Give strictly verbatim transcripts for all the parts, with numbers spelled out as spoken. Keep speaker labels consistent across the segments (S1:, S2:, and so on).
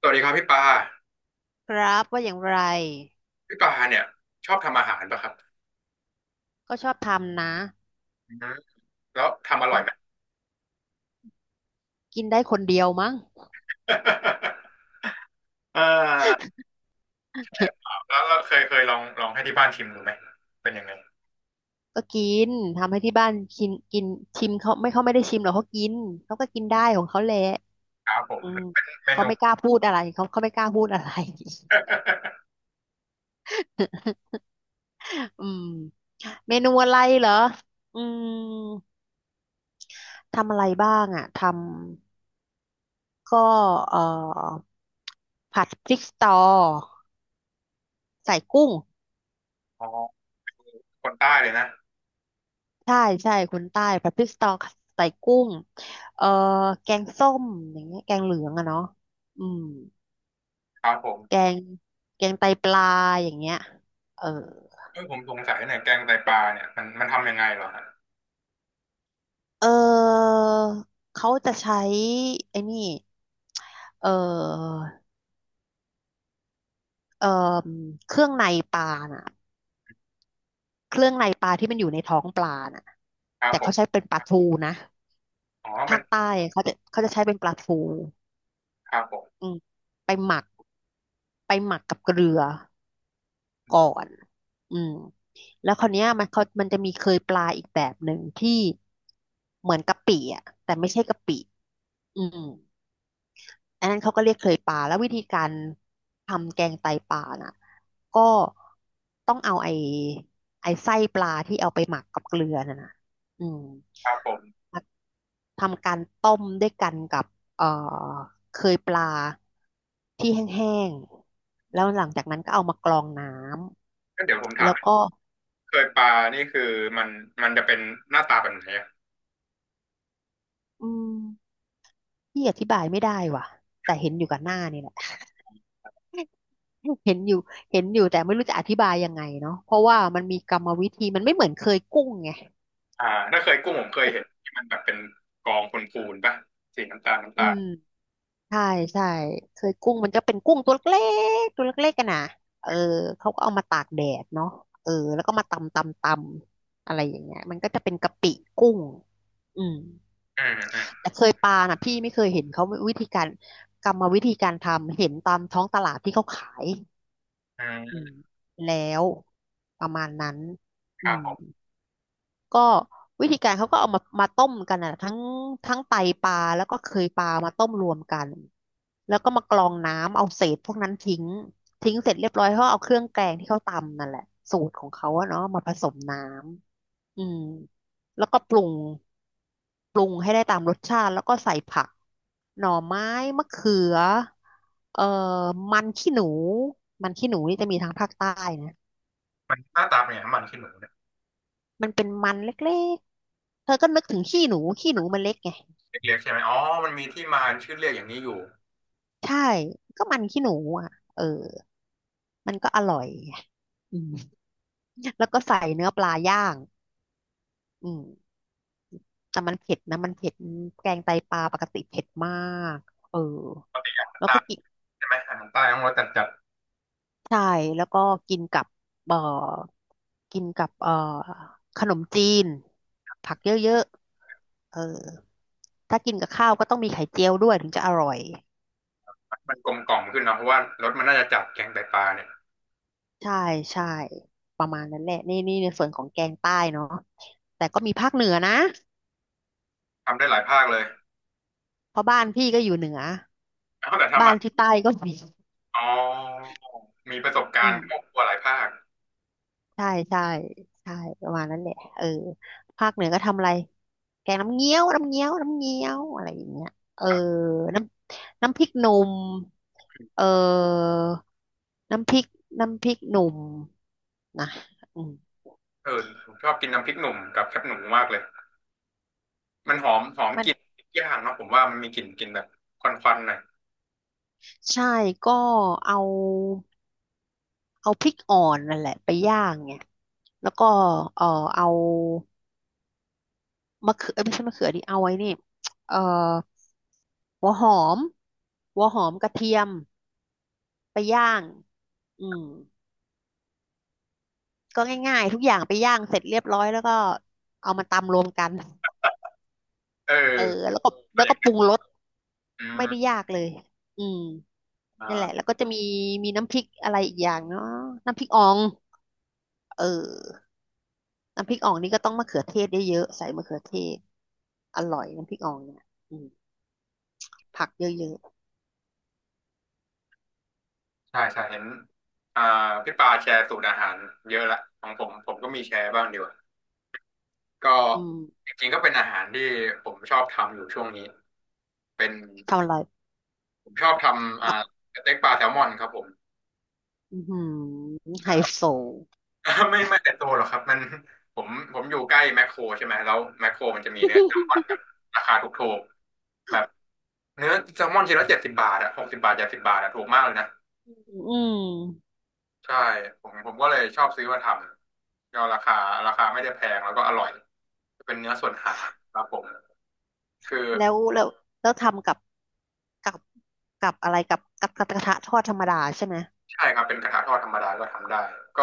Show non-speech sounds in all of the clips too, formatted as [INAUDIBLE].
S1: สวัสดีครับพี่ปา
S2: ครับว่าอย่างไร
S1: พี่ปาเนี่ยชอบทำอาหารป่ะครับ
S2: ก็ชอบทำนะ
S1: อืมแล้วทำอร่
S2: อื
S1: อยไหม
S2: มกินได้คนเดียวมั้ง
S1: [LAUGHS] เออแล้วเราเคยเคยลองลองให้ที่บ้านชิมดูไหมเป็นยังไง
S2: ก็กินทำให้ที่บ้านกินกินชิมเขาไม่เขาไม่ได้ชิมหรอกเขากินเขาก็กินได้ของเขาแหละ
S1: ครับผม
S2: อืม
S1: เป็นเม
S2: เขา
S1: นู
S2: ไม่กล้าพูดอะไรเขาเขาไม่กล้าพูดอะไร
S1: [LAUGHS]
S2: [LAUGHS] อืมเมนูอะไรเหรออืมทำอะไรบ้างอ่ะทำก็เอ่อผัดพริกสตอใส่กุ้ง
S1: อ๋อคนใต้เลยนะ
S2: ใช่ใช่คนใต้ผัดพริกสตอใส่กุ้งเอ่อแกงส้มอย่างเงี้ยแกงเหลืองอะเนาะอืม
S1: ครับผม
S2: แกงแกงไตปลาอย่างเงี้ยเออ
S1: เออผมสงสัยหน่อยแกงไตปลาเนี่ยมันมันทำยังไงเหรอครับ
S2: เออเขาจะใช้ไอ้นี่เออเออเครื่องในปลาน่ะเครื่องในปลาที่มันอยู่ในท้องปลาน่ะ
S1: ครับ
S2: แต่
S1: ผ
S2: เขา
S1: ม
S2: ใช้เป็นปลาทูนะ
S1: อ๋อมั
S2: ภา
S1: น
S2: คใต้เขาจะเขาจะใช้เป็นปลาทู
S1: ครับผม
S2: อืมไปหมักไปหมักกับเกลือ ก่อนอืมแล้วคราวเนี้ยมันเขามันจะมีเคยปลาอีกแบบหนึ่งที่เหมือนกะปิอ่ะแต่ไม่ใช่กะปิอืมอันนั้นเขาก็เรียกเคยปลาแล้ววิธีการทำแกงไตปลาน่ะก็ต้องเอาไอ้ไอ้ไส้ปลาที่เอาไปหมักกับเกลือน่ะนะอืม
S1: ครับผม
S2: มาทำการต้มด้วยกันกับเอ่อเคยปลาที่แห้งๆ แล้วหลังจากนั้นก็เอามากรองน้
S1: ก็เดี๋ยวผม
S2: ำ
S1: ถา
S2: แล้
S1: ม
S2: วก็
S1: เคยปลานี่คือมันมันจะเป็นหน้าตาแบบไหนอะ
S2: อืมพี่อธิบายไม่ได้ว่ะแต่เห็นอยู่กับหน้านี่แหละ [LAUGHS] เห็นอยู่เห็นอยู่แต่ไม่รู้จะอธิบายยังไงเนาะเพราะว่ามันมีกรรมวิธีมันไม่เหมือนเคยกุ้งไง
S1: อ่าถ้าเคยกุ้งผมเคยเห็นที่มันแบบเป็นกองพูนๆป่ะสีน้ำตาลน้ำ
S2: อื
S1: ตาล
S2: มใช่ใช่เคยกุ้งมันจะเป็นกุ้งตัวเล็กตัวเล็กๆกันนะเออเขาก็เอามาตากแดดเนาะเออแล้วก็มาตำตำตำอะไรอย่างเงี้ยมันก็จะเป็นกะปิกุ้งอืม
S1: อืมอืา
S2: แต่เคยปลาน่ะพี่ไม่เคยเห็นเขาวิธีการกรรมวิธีการทำเห็นตามท้องตลาดที่เขาขาย
S1: อ
S2: อืม
S1: ม
S2: แล้วประมาณนั้น
S1: ค
S2: อื
S1: รับ
S2: ม
S1: ผม
S2: ก็วิธีการเขาก็เอามามาต้มกันอ่ะทั้งทั้งไตปลาแล้วก็เคยปลามาต้มรวมกันแล้วก็มากรองน้ำเอาเศษพวกนั้นทิ้งทิ้งเสร็จเรียบร้อยเขาเอาเครื่องแกงที่เขาตำนั่นแหละสูตรของเขาอะเนาะมาผสมน้ำอืมแล้วก็ปรุงปรุงให้ได้ตามรสชาติแล้วก็ใส่ผักหน่อไม้มะเขือเอ่อมันขี้หนูมันขี้หนูนี่จะมีทางภาคใต้นะ
S1: มันหน้าตาเป็นไงน้ำมันขี้หนูเนี่ย
S2: มันเป็นมันเล็กๆเธอก็นึกถึงขี้หนูขี้หนูมันเล็กไง
S1: เล็กๆใช่ไหมอ๋อมันมีที่มาชื่อเรียกอย่างนี้อยู่
S2: ใช่ก็มันขี้หนูอ่ะเออมันก็อร่อยไงอืมแล้วก็ใส่เนื้อปลาย่างอืมแต่มันเผ็ดนะมันเผ็ดแกงไตปลาปกติเผ็ดมากเออแล้ว
S1: ตา
S2: ก็กิน
S1: ใช่ไหมอาหารใต้ต้องรสจัดจัด
S2: ใช่แล้วก็กินกับเอ่อกินกับเอ่อขนมจีนผักเยอะๆเออถ้ากินกับข้าวก็ต้องมีไข่เจียวด้วยถึงจะอร่อย
S1: มันกลมกล่อมขึ้นเนาะเพราะว่ารสมันน่าจะจัดแกงไตปลาเนี่ย
S2: ใช่ใช่ประมาณนั้นแหละนี่นี่ในส่วนของแกงใต้เนาะแต่ก็มีภาคเหนือนะ
S1: ทำได้หลายภาคเลย
S2: เพราะบ้านพี่ก็อยู่เหนือ
S1: เอาแต่ทำ
S2: บ้าน
S1: อ่ะ
S2: ที่ใต้ก็มี
S1: อ๋อมีประสบการ
S2: อืม
S1: ณ์ครอบครัวหลายภาค
S2: ใช่ใช่ใช่ประมาณนั้นแหละเออภาคเหนือก็ทำอะไรแกงน้ำเงี้ยวน้ำเงี้ยวน้ำเงี้ยวอะไรอย่างเงี้ยเออ
S1: ครับ
S2: น้ำน้ำพริกหนุ่มเออน้ำพริกน้ำพริกหนุ่มนะอืม
S1: เออผมชอบกินน้ำพริกหนุ่มกับแคบหนูมากเลยมันหอมหอม
S2: มั
S1: ก
S2: น
S1: ลิ่นย่างเนาะผมว่ามันมีกลิ่นกลิ่นแบบควันๆหน่อย
S2: ใช่ก็เอาเอาพริกอ่อนนั่นแหละไปย่างไง แล้วก็เอ่อเอามะเขือเอ้ยไม่ใช่มะเขือดิเอาไว้นี่เอ่อหัวหอมหัวหอมกระเทียมไปย่างอืมก็ง่ายๆทุกอย่างไปย่างเสร็จเรียบร้อยแล้วก็เอามาตำรวมกัน
S1: เอ
S2: เออ
S1: อ
S2: แล้วก็
S1: อะไร
S2: แล้ว
S1: อ
S2: ก็
S1: ย่าง
S2: ป
S1: เงี้
S2: รุ
S1: ย
S2: งรสไม่ได้
S1: อื
S2: ยากเลยอืมนั่นแหละ
S1: ม
S2: แล้วก็จะมีมีน้ำพริกอะไรอีกอย่างเนาะน้ำพริกอ่องเออน้ำพริกอ่องนี่ก็ต้องมะเขือเทศเยอะๆใส่มะเขือเทศอร่อยน้ำพริกอ่องเนี่ยอืมผักเยอะ
S1: ใช่ใช่เห็นอ่าพี่ปาแชร์สูตรอาหารเยอะละของผมผมก็มีแชร์บ้างดีกว่าก็
S2: ๆอืม
S1: จริงๆก็เป็นอาหารที่ผมชอบทำอยู่ช่วงนี้เป็น
S2: ทำอร่อย
S1: ผมชอบทำอ่าสเต็กปลาแซลมอนครับผม
S2: อือหือ
S1: ใช
S2: ไฮ
S1: ่
S2: โซ
S1: [LAUGHS] ไม่ไม่แต่โตวหรอกครับมันผมผมอยู่ใกล้แมคโครใช่ไหมแล้วแมคโครมันจะมีเนื้อแซลมอนแบบราคาถูกๆแบบเนื้อแซลมอนชิ้นละเจ็ดสิบบาทอะหกสิบบาทเจ็ดสิบบาทอะถูกมากเลยนะ
S2: อืม
S1: ใช่ผมผมก็เลยชอบซื้อมาทำก็ราคาราคาไม่ได้แพงแล้วก็อร่อยเป็นเนื้อส่วนหางครับผมคือ
S2: แล้วแล้วแล้วทำกับกับกับอะไรกับกับกระทะทอดธรรมดาใช่ไหม
S1: ใช่ครับเป็นกระทะทอดธรรมดาก็ทำได้ก็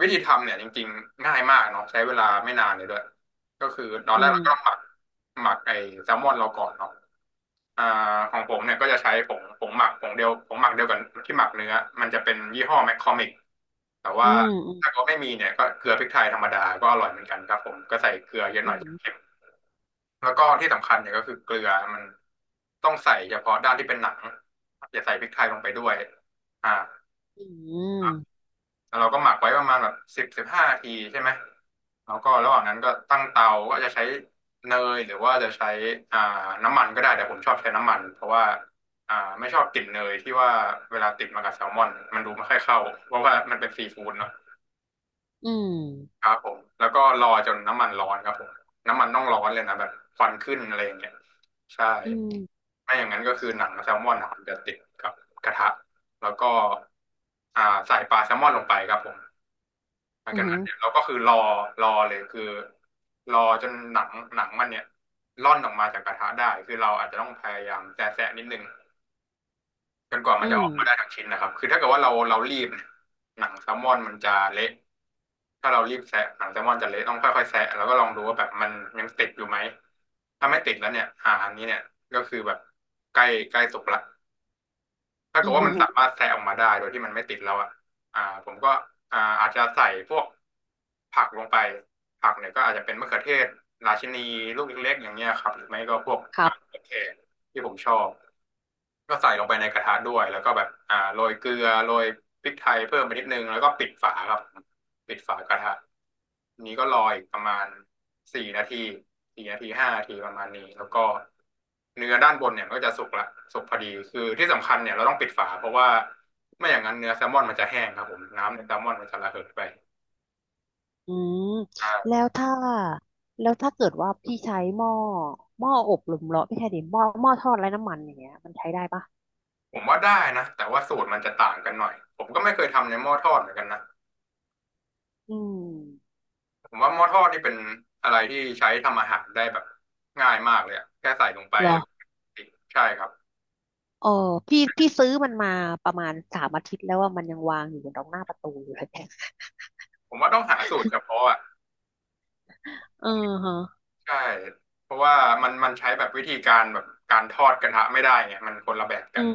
S1: วิธีทำเนี่ยจริงๆง่ายมากเนาะใช้เวลาไม่นานเลยด้วยก็คือตอน
S2: อื
S1: แรก
S2: ม
S1: เราก็ต้องหมักหมักไอ้แซลมอนเราก่อนเนาะอ่าของผมเนี่ยก็จะใช้ผงผงหมักผงเดียวผงหมักเดียวกันที่หมักเนื้อมันจะเป็นยี่ห้อแมคคอมิกแต่
S2: อื
S1: ว่าถ้า
S2: ม
S1: เขาไม่มีเนี่ยก็เกลือพริกไทยธรรมดาก็อร่อยเหมือนกันครับผมก็ใส่เกลือเยอะ
S2: อื
S1: หน่อย
S2: ม
S1: แล้วก็ที่สำคัญเนี่ยก็คือเกลือมันต้องใส่เฉพาะด้านที่เป็นหนังอย่าใส่พริกไทยลงไปด้วยอ่า
S2: อืม
S1: แล้วเราก็หมักไว้ประมาณแบบสิบสิบห้านาทีใช่ไหมแล้วก็ระหว่างนั้นก็ตั้งเตาก็จะใช้เนยหรือว่าจะใช้อ่าน้ำมันก็ได้แต่ผมชอบใช้น้ำมันเพราะว่าอ่าไม่ชอบกลิ่นเนยที่ว่าเวลาติดมากับแซลมอนมันดูไม่ค่อยเข้าเพราะว่ามันเป็นซีฟู้ดเนาะ
S2: อืม
S1: ครับผมแล้วก็รอจนน้ำมันร้อนครับผมน้ำมันต้องร้อนเลยนะแบบควันขึ้นอะไรอย่างเงี้ยใช่
S2: อืม
S1: ไม่อย่างนั้นก็คือหนังแซลมอนนะมันจะติดกับกระทะแล้วก็อ่าใส่ปลาแซลมอนลงไปครับผมหลัง
S2: อื
S1: จากนั้น
S2: ม
S1: เนี่ยเราก็คือรอรอเลยคือรอจนหนังหนังมันเนี่ยร่อนออกมาจากกระทะได้คือเราอาจจะต้องพยายามแซะแซะนิดนึงจนกว่ามั
S2: อื
S1: นจะอ
S2: ม
S1: อกมาได้ทั้งชิ้นนะครับคือถ้าเกิดว่าเราเรารีบเนี่ยหนังแซลมอนมันจะเละถ้าเรารีบแซะหนังแซลมอนจะเละต้องค่อยๆแซะแล้วก็ลองดูว่าแบบมันยังติดอยู่ไหมถ้าไม่ติดแล้วเนี่ยอ่าอันนี้เนี่ยก็คือแบบใกล้ใกล้สุกละ ถ้า
S2: อื
S1: เกิด
S2: ม
S1: ว่า
S2: อื
S1: อืมัอนฮึสามารถแซะออกมาได้โดยที่มันไม่ติดแล้วอ่ะอ่าผมก็อ่าอาจจะใส่พวกผักลงไปผักเนี่ยก็อาจจะเป็นมะเขือเทศ ราชินีลูกเล็กๆอย่างเงี้ยครับหรือไม่ก็พวก
S2: ครั
S1: อ่า
S2: บ
S1: โอเคที่ผมชอบ ก็ใส่ลงไปในกระทะด้วยแล้วก็แบบอ่าโรยเกลือโรยพริกไทยเพิ่มไปนิดนึงแล้วก็ปิดฝาครับปิดฝากระทะนี้ก็รออีกประมาณสี่นาทีสี่นาทีห้านาทีประมาณนี้แล้วก็เนื้อด้านบนเนี่ยมันก็จะสุกละสุกพอดีคือที่สำคัญเนี่ยเราต้องปิดฝาเพราะว่าไม่อย่างนั้นเนื้อแซลมอนมันจะแห้งครับผมน้ำในแซลมอนมันจะระเหดไป
S2: อืม
S1: อ่า
S2: แล้วถ้าแล้วถ้าเกิดว่าพี่ใช้หม้อหม้ออบลมร้อนพี่ใช้ดิหม้อหม้อทอดไร้น้ำมันอย่างเงี้ยมันใช้ได้ปะ
S1: ผมว่าได้นะแต่ว่าสูตรมันจะต่างกันหน่อยผมก็ไม่เคยทำในหม้อทอดเหมือนกันนะ
S2: อืม
S1: ผมว่าหม้อทอดนี่เป็นอะไรที่ใช้ทำอาหารได้แบบง่ายมากเลยอะแค่ใส่ลงไป
S2: หรอ
S1: แล้วใช่ครับ
S2: เออพี่พี่ซื้อมันมาประมาณสามอาทิตย์แล้วว่ามันยังวางอยู่ตรงหน้าประตูอยู่เลย
S1: ผมว่าต้องหาสูตรเฉพาะอ่ะ
S2: เออฮะ
S1: ใช่เพราะว่ามันมันใช้แบบวิธีการแบบการทอดกระทะไม่ได้ไงมันคนละแบบกั
S2: อื
S1: น
S2: ม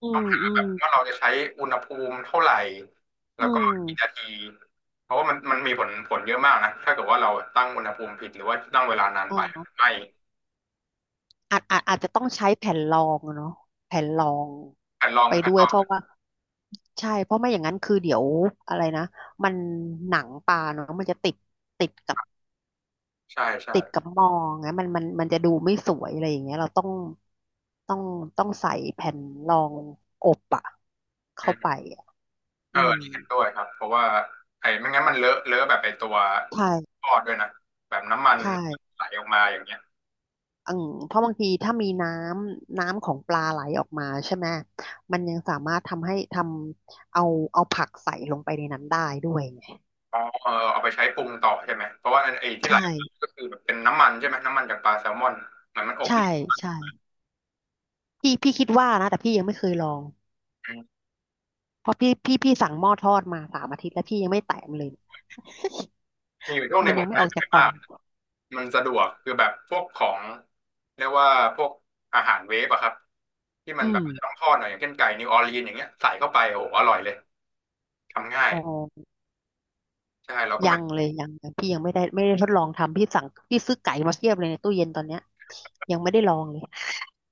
S2: อื
S1: ต้อ
S2: ม
S1: งหา
S2: อื
S1: แบ
S2: ม
S1: บว่าเราจะใช้อุณหภูมิเท่าไหร่แล้
S2: อื
S1: วก็กี่นา
S2: ม
S1: ทีเพราะว่ามันมันมีผลผลเยอะมากนะถ้าเกิดว่าเราตั้งอุณหภูมิผิดหรือว่าตั้งเวลานาน
S2: อ๋อ
S1: ไปไหม่
S2: อาจอาจอาจจะต้องใช้แผ่นรองอะเนาะแผ่นรอง
S1: แผ่นรอง
S2: ไป
S1: แผ่
S2: ด้
S1: น
S2: ว
S1: ร
S2: ย
S1: อง
S2: เพราะว่าใช่เพราะไม่อย่างนั้นคือเดี๋ยวอะไรนะมันหนังปลาเนาะมันจะติดติดกับ
S1: ใช่ใช่
S2: ติดกับมองไงมันมันมันจะดูไม่สวยอะไรอย่างเงี้ยเราต้องต้องต้องใส่แผ่นรองอบอะเข้าไปอะ
S1: เอ
S2: อื
S1: อ
S2: ม
S1: นี่เห็นด้วยครับเพราะว่าไอ้ไม่งั้นมันเลอะเลอะแบบไอ้ตัว
S2: ใช่
S1: ทอดด้วยนะแบบน้ำมัน
S2: ใช่
S1: ไหลออกมาอย่างเงี้ย
S2: อืมเพราะบางทีถ้ามีน้ำน้ำของปลาไหลออกมาใช่ไหมมันยังสามารถทำให้ทำเอาเอาผักใส่ลงไปในนั้นได้ด้วยไง
S1: อ๋อเออเอาไปใช้ปรุงต่อใช่ไหมเพราะว่าไอ้ที่ไหล
S2: ใช่
S1: ออกมาก็คือแบบเป็นน้ำมันใช่ไหมน้ำมันจากปลาแซลมอนเหมือนมันอบรี
S2: ใช่
S1: ด
S2: ใช่ พี่พี่คิดว่านะแต่พี่ยังไม่เคยลอง
S1: อืม
S2: เพราะพี่พี่พี่สั่งหม้อทอดมาสามอาทิตย์แล้วพี่ยังไม่แตะมันเลย
S1: มีอยู่ช่วงห
S2: มั
S1: นึ่ง
S2: น
S1: ผ
S2: ยัง
S1: ม
S2: ไม่
S1: ใช้
S2: ออกจา
S1: ไป
S2: กกล่
S1: มา
S2: อง
S1: กมันสะดวกคือแบบพวกของเรียกว่าพวกอาหารเวฟอะครับที่มั
S2: อื
S1: นแบ
S2: ม
S1: บอาจจะต้องทอดหน่อยอย่างเช่นไก่นิวออร์ลีนอย่างเงี้ยใส่เข้าไปโอ้โหอร่อยเลยทำง่าย
S2: อ๋อ
S1: ใช่เราก็
S2: ยังเลยยังยังพี่ยังไม่ได้ไม่ได้ทดลองทำพี่สั่งพี่ซื้อไก่มาเทียบเลยในตู้เย็นตอนเนี้ยยังไม่ได้ลองเลย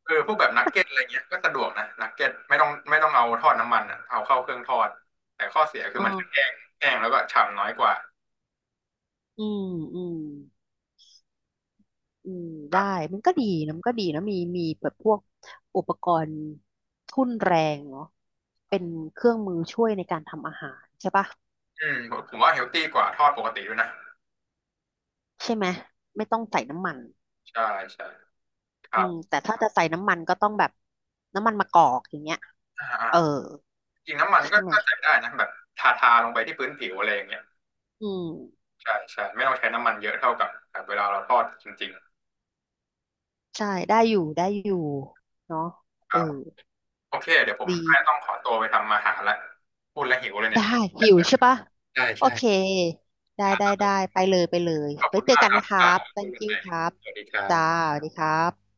S1: เออพวกแบบนักเก็ตอะไรเงี้ยก็สะดวกนะนักเก็ตไม่ต้องไม่ต้องเอาทอดน้ำมันอ่ะเอาเข้าเครื่องทอดแต่ข้อเสียคื
S2: อ๋
S1: อ
S2: อ
S1: มันจะแห้งแห้งแล้วก็ฉ่ำน้อยกว่า
S2: อืมอืม อืมได้มันก็ดีนะมันก็ดีนะมีมีแบบพวกอุปกรณ์ทุ่นแรงเนาะเป็นเครื่องมือช่วยในการทำอาหารใช่ปะ
S1: อืมผมผมว่าเฮลตี้กว่าทอดปกติด้วยนะ
S2: ใช่ไหมไม่ต้องใส่น้ำมัน
S1: ใช่ใช่ครั
S2: อื
S1: บ
S2: มแต่ถ้าจะใส่น้ำมันก็ต้องแบบน้ำมันมะกอกอย่างเงี้ย
S1: อ่าอ่า
S2: เออ
S1: จริงน้ำมันก็
S2: ใช่ไหม
S1: ก็ใส่ได้นะแบบทาทาลงไปที่พื้นผิวอะไรอย่างเงี้ย
S2: อืม
S1: ใช่ใช่ไม่ต้องใช้น้ำมันเยอะเท่ากับกับเวลาเราทอดจริง
S2: ใช่ได้อยู่ได้อยู่เนาะ
S1: ๆค
S2: เออ
S1: รับโอเคเดี๋ยวผม
S2: ดี
S1: แม่ต้องขอตัวไปทำอาหารละพูดแล้วหิวเลยเนี่
S2: ได้
S1: ย
S2: หิวใช่ปะ
S1: ใช่
S2: โอเค
S1: ใช่
S2: ได้
S1: ค
S2: ได้
S1: รับ
S2: ได้ไปเลยไปเลย
S1: ขอบ
S2: ไว้
S1: คุณ
S2: เจอ
S1: มาก
S2: กัน
S1: ครั
S2: นะ
S1: บ
S2: ครั
S1: อ่า
S2: บ
S1: คุย
S2: thank
S1: กันให
S2: you
S1: ม่
S2: ครับ
S1: สวัสดีครั
S2: จ้า
S1: บ
S2: สวัสดีครับ